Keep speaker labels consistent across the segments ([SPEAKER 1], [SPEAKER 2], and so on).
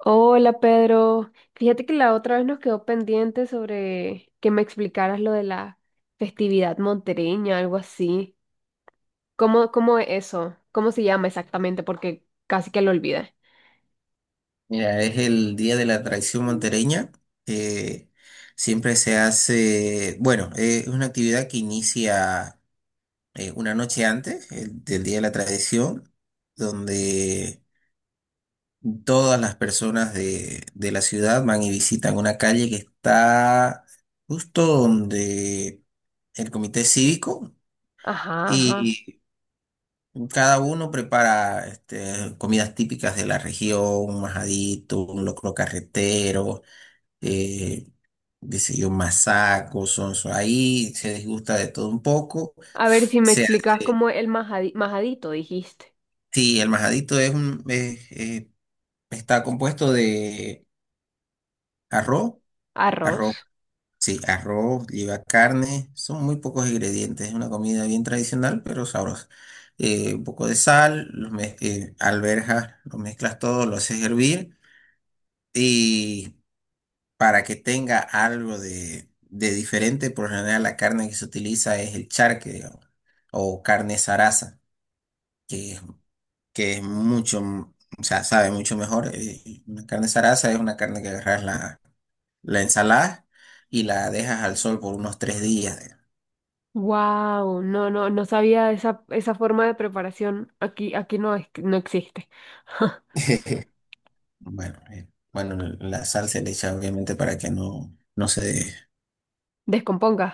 [SPEAKER 1] Hola Pedro, fíjate que la otra vez nos quedó pendiente sobre que me explicaras lo de la festividad montereña, algo así. ¿Cómo es eso? ¿Cómo se llama exactamente? Porque casi que lo olvidé.
[SPEAKER 2] Mira, es el Día de la Tradición Montereña. eh, Siempre se hace, bueno, es una actividad que inicia una noche antes del Día de la Tradición, donde todas las personas de la ciudad van y visitan una calle que está justo donde el Comité Cívico.
[SPEAKER 1] Ajá, ajá.
[SPEAKER 2] Y cada uno prepara este, comidas típicas de la región, un majadito, un locro carretero, eh, qué sé yo, masaco, sonso. Ahí se disgusta de todo un poco.
[SPEAKER 1] A ver si me
[SPEAKER 2] Se
[SPEAKER 1] explicas
[SPEAKER 2] hace,
[SPEAKER 1] cómo el majadito dijiste.
[SPEAKER 2] sí, el majadito es un, está compuesto de arroz,
[SPEAKER 1] Arroz.
[SPEAKER 2] arroz, sí, arroz, lleva carne, son muy pocos ingredientes. Es una comida bien tradicional, pero sabrosa. Un poco de sal, alberjas, lo mezclas todo, lo haces hervir, para que tenga algo de diferente. Por lo general la carne que se utiliza es el charque, digamos, o carne zaraza, que, es- que es mucho, o sea, sabe mucho mejor. Una carne zaraza es una carne que agarras la, la ensalada y la dejas al sol por unos 3 días, digamos.
[SPEAKER 1] Wow, no, no sabía esa forma de preparación. Aquí no, no existe.
[SPEAKER 2] Bueno, bueno, la sal se le echa obviamente para que no se...
[SPEAKER 1] Descomponga,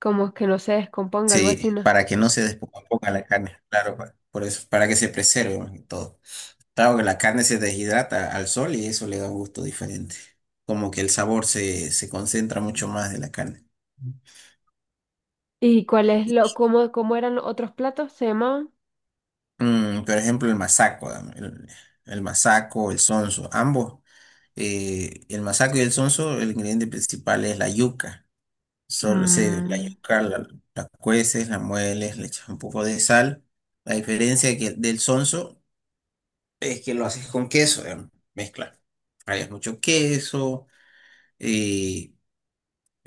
[SPEAKER 1] como que no se descomponga, algo
[SPEAKER 2] Sí,
[SPEAKER 1] así, ¿no?
[SPEAKER 2] para que no se descomponga la carne, claro, por eso, para que se preserve más que todo. Claro que la carne se deshidrata al sol y eso le da un gusto diferente. Como que el sabor se, se concentra mucho más de la carne.
[SPEAKER 1] ¿Y cuál es
[SPEAKER 2] Y,
[SPEAKER 1] lo, cómo eran los otros platos? ¿Se llamaban?
[SPEAKER 2] por ejemplo, el masaco, dame, el masaco, el sonso, ambos. El masaco y el sonso, el ingrediente principal es la yuca. Solo se, la
[SPEAKER 1] Mm,
[SPEAKER 2] yuca la, la cueces, la mueles, le echas un poco de sal. La diferencia del sonso es que lo haces con queso, digamos, mezcla. Hay mucho queso. eh,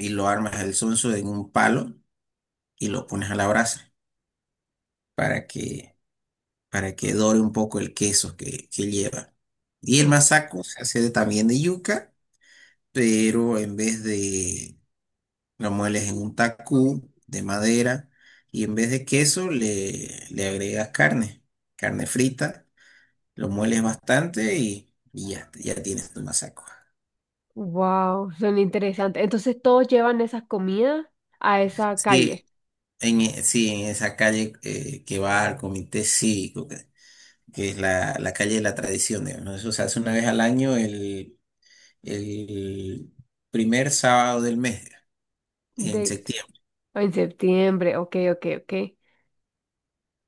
[SPEAKER 2] y lo armas el sonso en un palo y lo pones a la brasa para que, para que dore un poco el queso que lleva. Y el masaco se hace también de yuca, pero en vez de... lo mueles en un tacú de madera y en vez de queso le, le agregas carne, carne frita, lo mueles bastante y ya, ya tienes tu masaco.
[SPEAKER 1] wow, son interesantes. Entonces todos llevan esas comidas a esa calle
[SPEAKER 2] Sí, en, sí, en esa calle que va al Comité Cívico, que es la, la calle de la tradición, digamos, ¿no? Eso se hace una vez al año, el primer sábado del mes, en
[SPEAKER 1] de
[SPEAKER 2] septiembre.
[SPEAKER 1] en septiembre. Ok, ok, ok.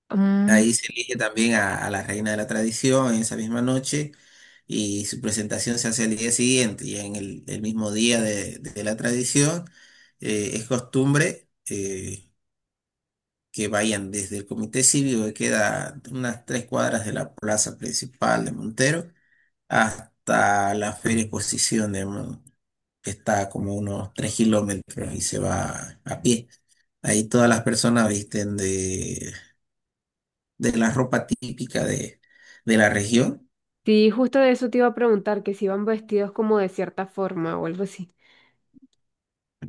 [SPEAKER 1] Mm,
[SPEAKER 2] Ahí se elige también a la reina de la tradición en esa misma noche y su presentación se hace el día siguiente, y en el mismo día de la tradición es costumbre que vayan desde el Comité Cívico, que queda unas 3 cuadras de la plaza principal de Montero, hasta la Feria Exposición que está como unos 3 kilómetros, y se va a pie. Ahí todas las personas visten de la ropa típica de la región.
[SPEAKER 1] sí, justo de eso te iba a preguntar, que si iban vestidos como de cierta forma o algo así.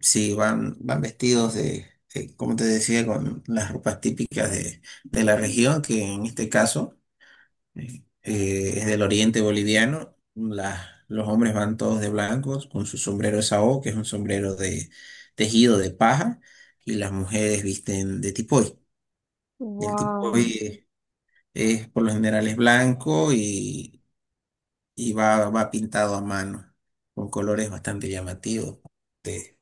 [SPEAKER 2] Sí, van, van vestidos de, como te decía, con las ropas típicas de la región, que en este caso Eh, es del oriente boliviano. La- los hombres van todos de blancos con su sombrero de sao, que es un sombrero de tejido de paja, y las mujeres visten de tipoy. El
[SPEAKER 1] Wow.
[SPEAKER 2] tipoy es, por lo general es blanco y va, va pintado a mano, con colores bastante llamativos. Te-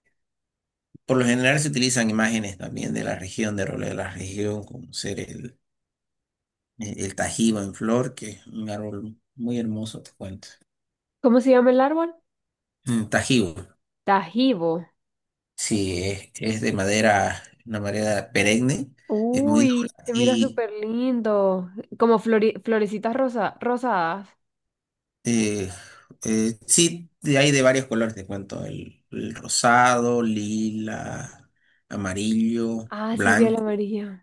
[SPEAKER 2] por lo general se utilizan imágenes también de la región, de roles de la región, como ser el tajiba en flor, que es un árbol muy hermoso, te cuento.
[SPEAKER 1] ¿Cómo se llama el árbol?
[SPEAKER 2] Tajibo.
[SPEAKER 1] Tajibo.
[SPEAKER 2] Sí, es de madera, una madera perenne, es muy dura
[SPEAKER 1] Uy, se mira
[SPEAKER 2] y
[SPEAKER 1] súper lindo. Como florecitas rosa rosadas.
[SPEAKER 2] eh, sí, hay de varios colores, te cuento, el rosado, lila, amarillo,
[SPEAKER 1] Ah, sí, ve el
[SPEAKER 2] blanco.
[SPEAKER 1] amarillo.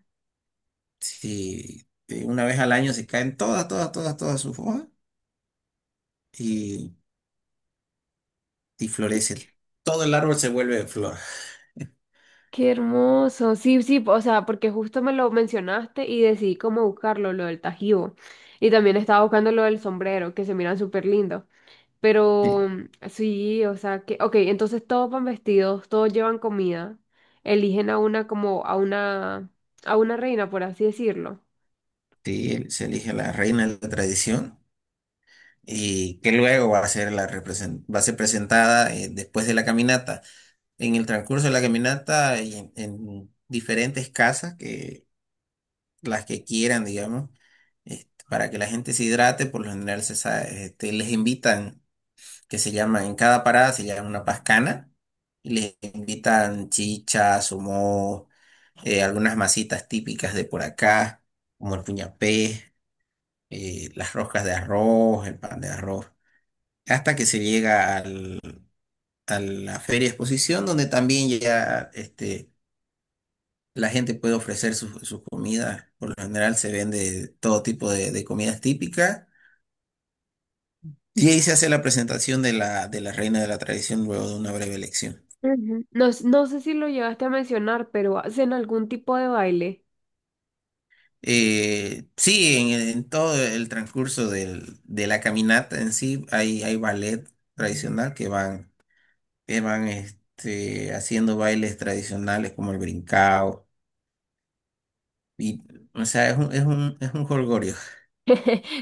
[SPEAKER 2] Sí, una vez al año se caen todas, todas, todas, todas sus hojas y, y florece. Todo el árbol se vuelve de flor.
[SPEAKER 1] Qué hermoso. Sí, sí, o sea, porque justo me lo mencionaste y decidí cómo buscarlo, lo del Tajibo. Y también estaba buscando lo del sombrero, que se miran súper lindos.
[SPEAKER 2] Sí,
[SPEAKER 1] Pero sí, o sea, que, ok, entonces todos van vestidos, todos llevan comida. Eligen a una como a una reina, por así decirlo.
[SPEAKER 2] sí, se elige la reina de la tradición, y que luego va a ser la va a ser presentada después de la caminata, en el transcurso de la caminata, y en diferentes casas, que las que quieran, digamos, este, para que la gente se hidrate. Por lo general este, les invitan, que se llama, en cada parada se llama una pascana, y les invitan chichas, humo, algunas masitas típicas de por acá, como el puñapé, las roscas de arroz, el pan de arroz, hasta que se llega a la feria exposición, donde también ya este, la gente puede ofrecer su, su comida. Por lo general se vende todo tipo de comidas típicas. Y ahí se hace la presentación de la reina de la tradición luego de una breve elección.
[SPEAKER 1] Ujú. No, no sé si lo llegaste a mencionar, pero hacen algún tipo de baile.
[SPEAKER 2] Sí, en todo el transcurso de la caminata en sí hay ballet tradicional que van este, haciendo bailes tradicionales como el brincao. Y, o sea, es un, es un, es un jolgorio.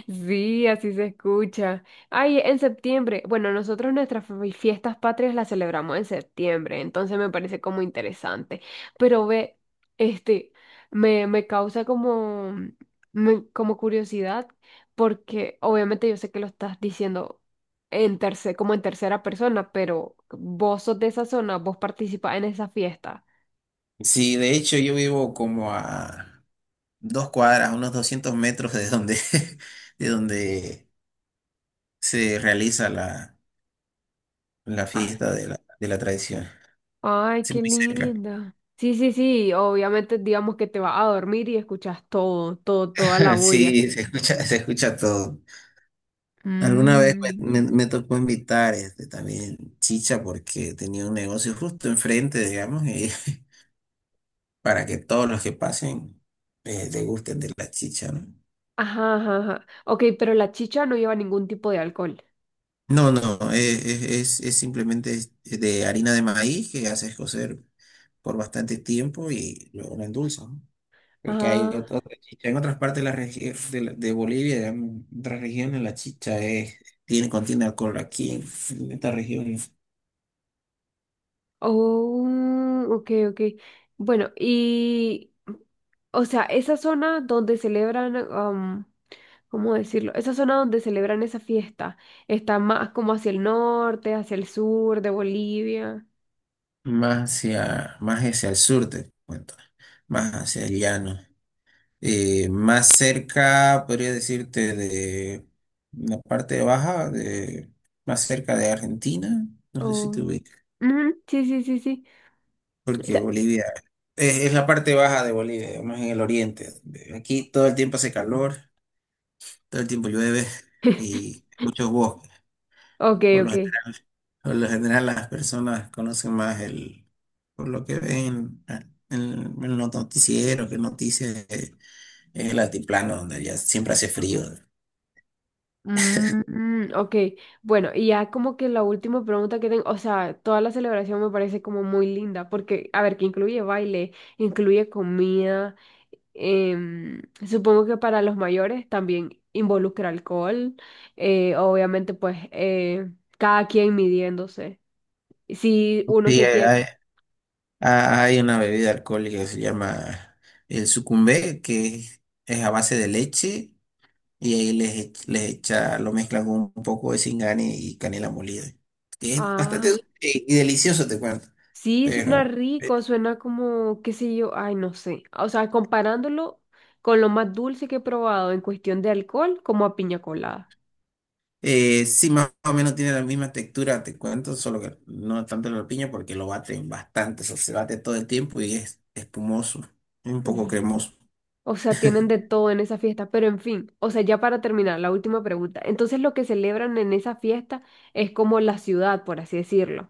[SPEAKER 1] Sí, así se escucha. Ay, en septiembre. Bueno, nosotros nuestras fiestas patrias las celebramos en septiembre, entonces me parece como interesante. Pero ve, este, me causa como, como curiosidad, porque obviamente yo sé que lo estás diciendo en como en tercera persona, pero vos sos de esa zona, vos participás en esa fiesta.
[SPEAKER 2] Sí, de hecho yo vivo como a 2 cuadras, unos 200 metros de donde, de donde se realiza la, la fiesta de la tradición.
[SPEAKER 1] Ay,
[SPEAKER 2] Sí,
[SPEAKER 1] qué
[SPEAKER 2] muy cerca.
[SPEAKER 1] linda. Sí, sí, sí, obviamente digamos que te vas a dormir y escuchas todo, todo, toda la bulla.
[SPEAKER 2] Sí, se escucha todo. Alguna vez
[SPEAKER 1] Mm.
[SPEAKER 2] me, me tocó invitar este, también chicha porque tenía un negocio justo enfrente, digamos, y para que todos los que pasen le gusten de la chicha, ¿no?
[SPEAKER 1] Ajá, ajá, ajá. Ok, pero la chicha no lleva ningún tipo de alcohol.
[SPEAKER 2] No, no, eh, es, es simplemente es de harina de maíz que haces cocer por bastante tiempo y luego la endulzas, ¿no? Porque hay
[SPEAKER 1] Ah,
[SPEAKER 2] otra chicha en otras partes de, de, de Bolivia, en otras regiones, la chicha es, tiene, contiene alcohol. Aquí en esta región,
[SPEAKER 1] oh, ok, ok. Bueno, y, o sea, esa zona donde celebran, am, ¿cómo decirlo? Esa zona donde celebran esa fiesta está más como hacia el norte, hacia el sur de Bolivia.
[SPEAKER 2] más hacia el sur, te cuento, más hacia el llano. Más cerca, podría decirte, de la parte baja, de, más cerca de Argentina, no sé si te
[SPEAKER 1] Oh.
[SPEAKER 2] ubicas,
[SPEAKER 1] Ujú, sí, sí, sí, sí.
[SPEAKER 2] porque Bolivia es la parte baja de Bolivia, más en el oriente. Aquí todo el tiempo hace calor, todo el tiempo llueve y muchos bosques.
[SPEAKER 1] Ok,
[SPEAKER 2] ¿No?
[SPEAKER 1] ok.
[SPEAKER 2] Por lo general las personas conocen más el, por lo que ven ah, en los noticieros, que noticias es el altiplano donde ya siempre hace frío.
[SPEAKER 1] Mm, mm, ok, bueno, y ya como que la última pregunta que tengo, o sea, toda la celebración me parece como muy linda, porque, a ver, que incluye baile, incluye comida, em, supongo que para los mayores también involucra alcohol, obviamente pues cada quien midiéndose, si uno
[SPEAKER 2] Sí,
[SPEAKER 1] se quiere...
[SPEAKER 2] ah, hay una bebida alcohólica que se llama el sucumbé, que es a base de leche, y ahí les, les echa, lo mezclan con un poco de cingani y canela molida. Que es bastante
[SPEAKER 1] Ah.
[SPEAKER 2] dulce y delicioso, te cuento.
[SPEAKER 1] Sí, suena
[SPEAKER 2] Pero
[SPEAKER 1] rico, suena como, qué sé yo, ay, no sé. O sea, comparándolo con lo más dulce que he probado en cuestión de alcohol, como a piña colada.
[SPEAKER 2] sí, más o menos tiene la misma textura, te cuento, solo que no tanto la piña porque lo baten bastante, o sea, se bate todo el tiempo y es espumoso, es un poco
[SPEAKER 1] Uf,
[SPEAKER 2] cremoso.
[SPEAKER 1] o sea, tienen de todo en esa fiesta, pero en fin, o sea, ya para terminar, la última pregunta. Entonces, lo que celebran en esa fiesta es como la ciudad, por así decirlo.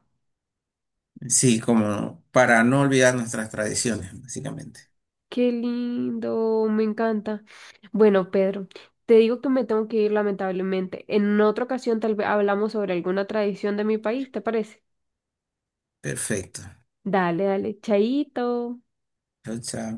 [SPEAKER 2] Sí, como para no olvidar nuestras tradiciones, básicamente.
[SPEAKER 1] Qué lindo, me encanta. Bueno, Pedro, te digo que me tengo que ir lamentablemente. En otra ocasión tal vez hablamos sobre alguna tradición de mi país, ¿te parece?
[SPEAKER 2] Perfecto.
[SPEAKER 1] Dale, dale, chaito.
[SPEAKER 2] Chao, chao.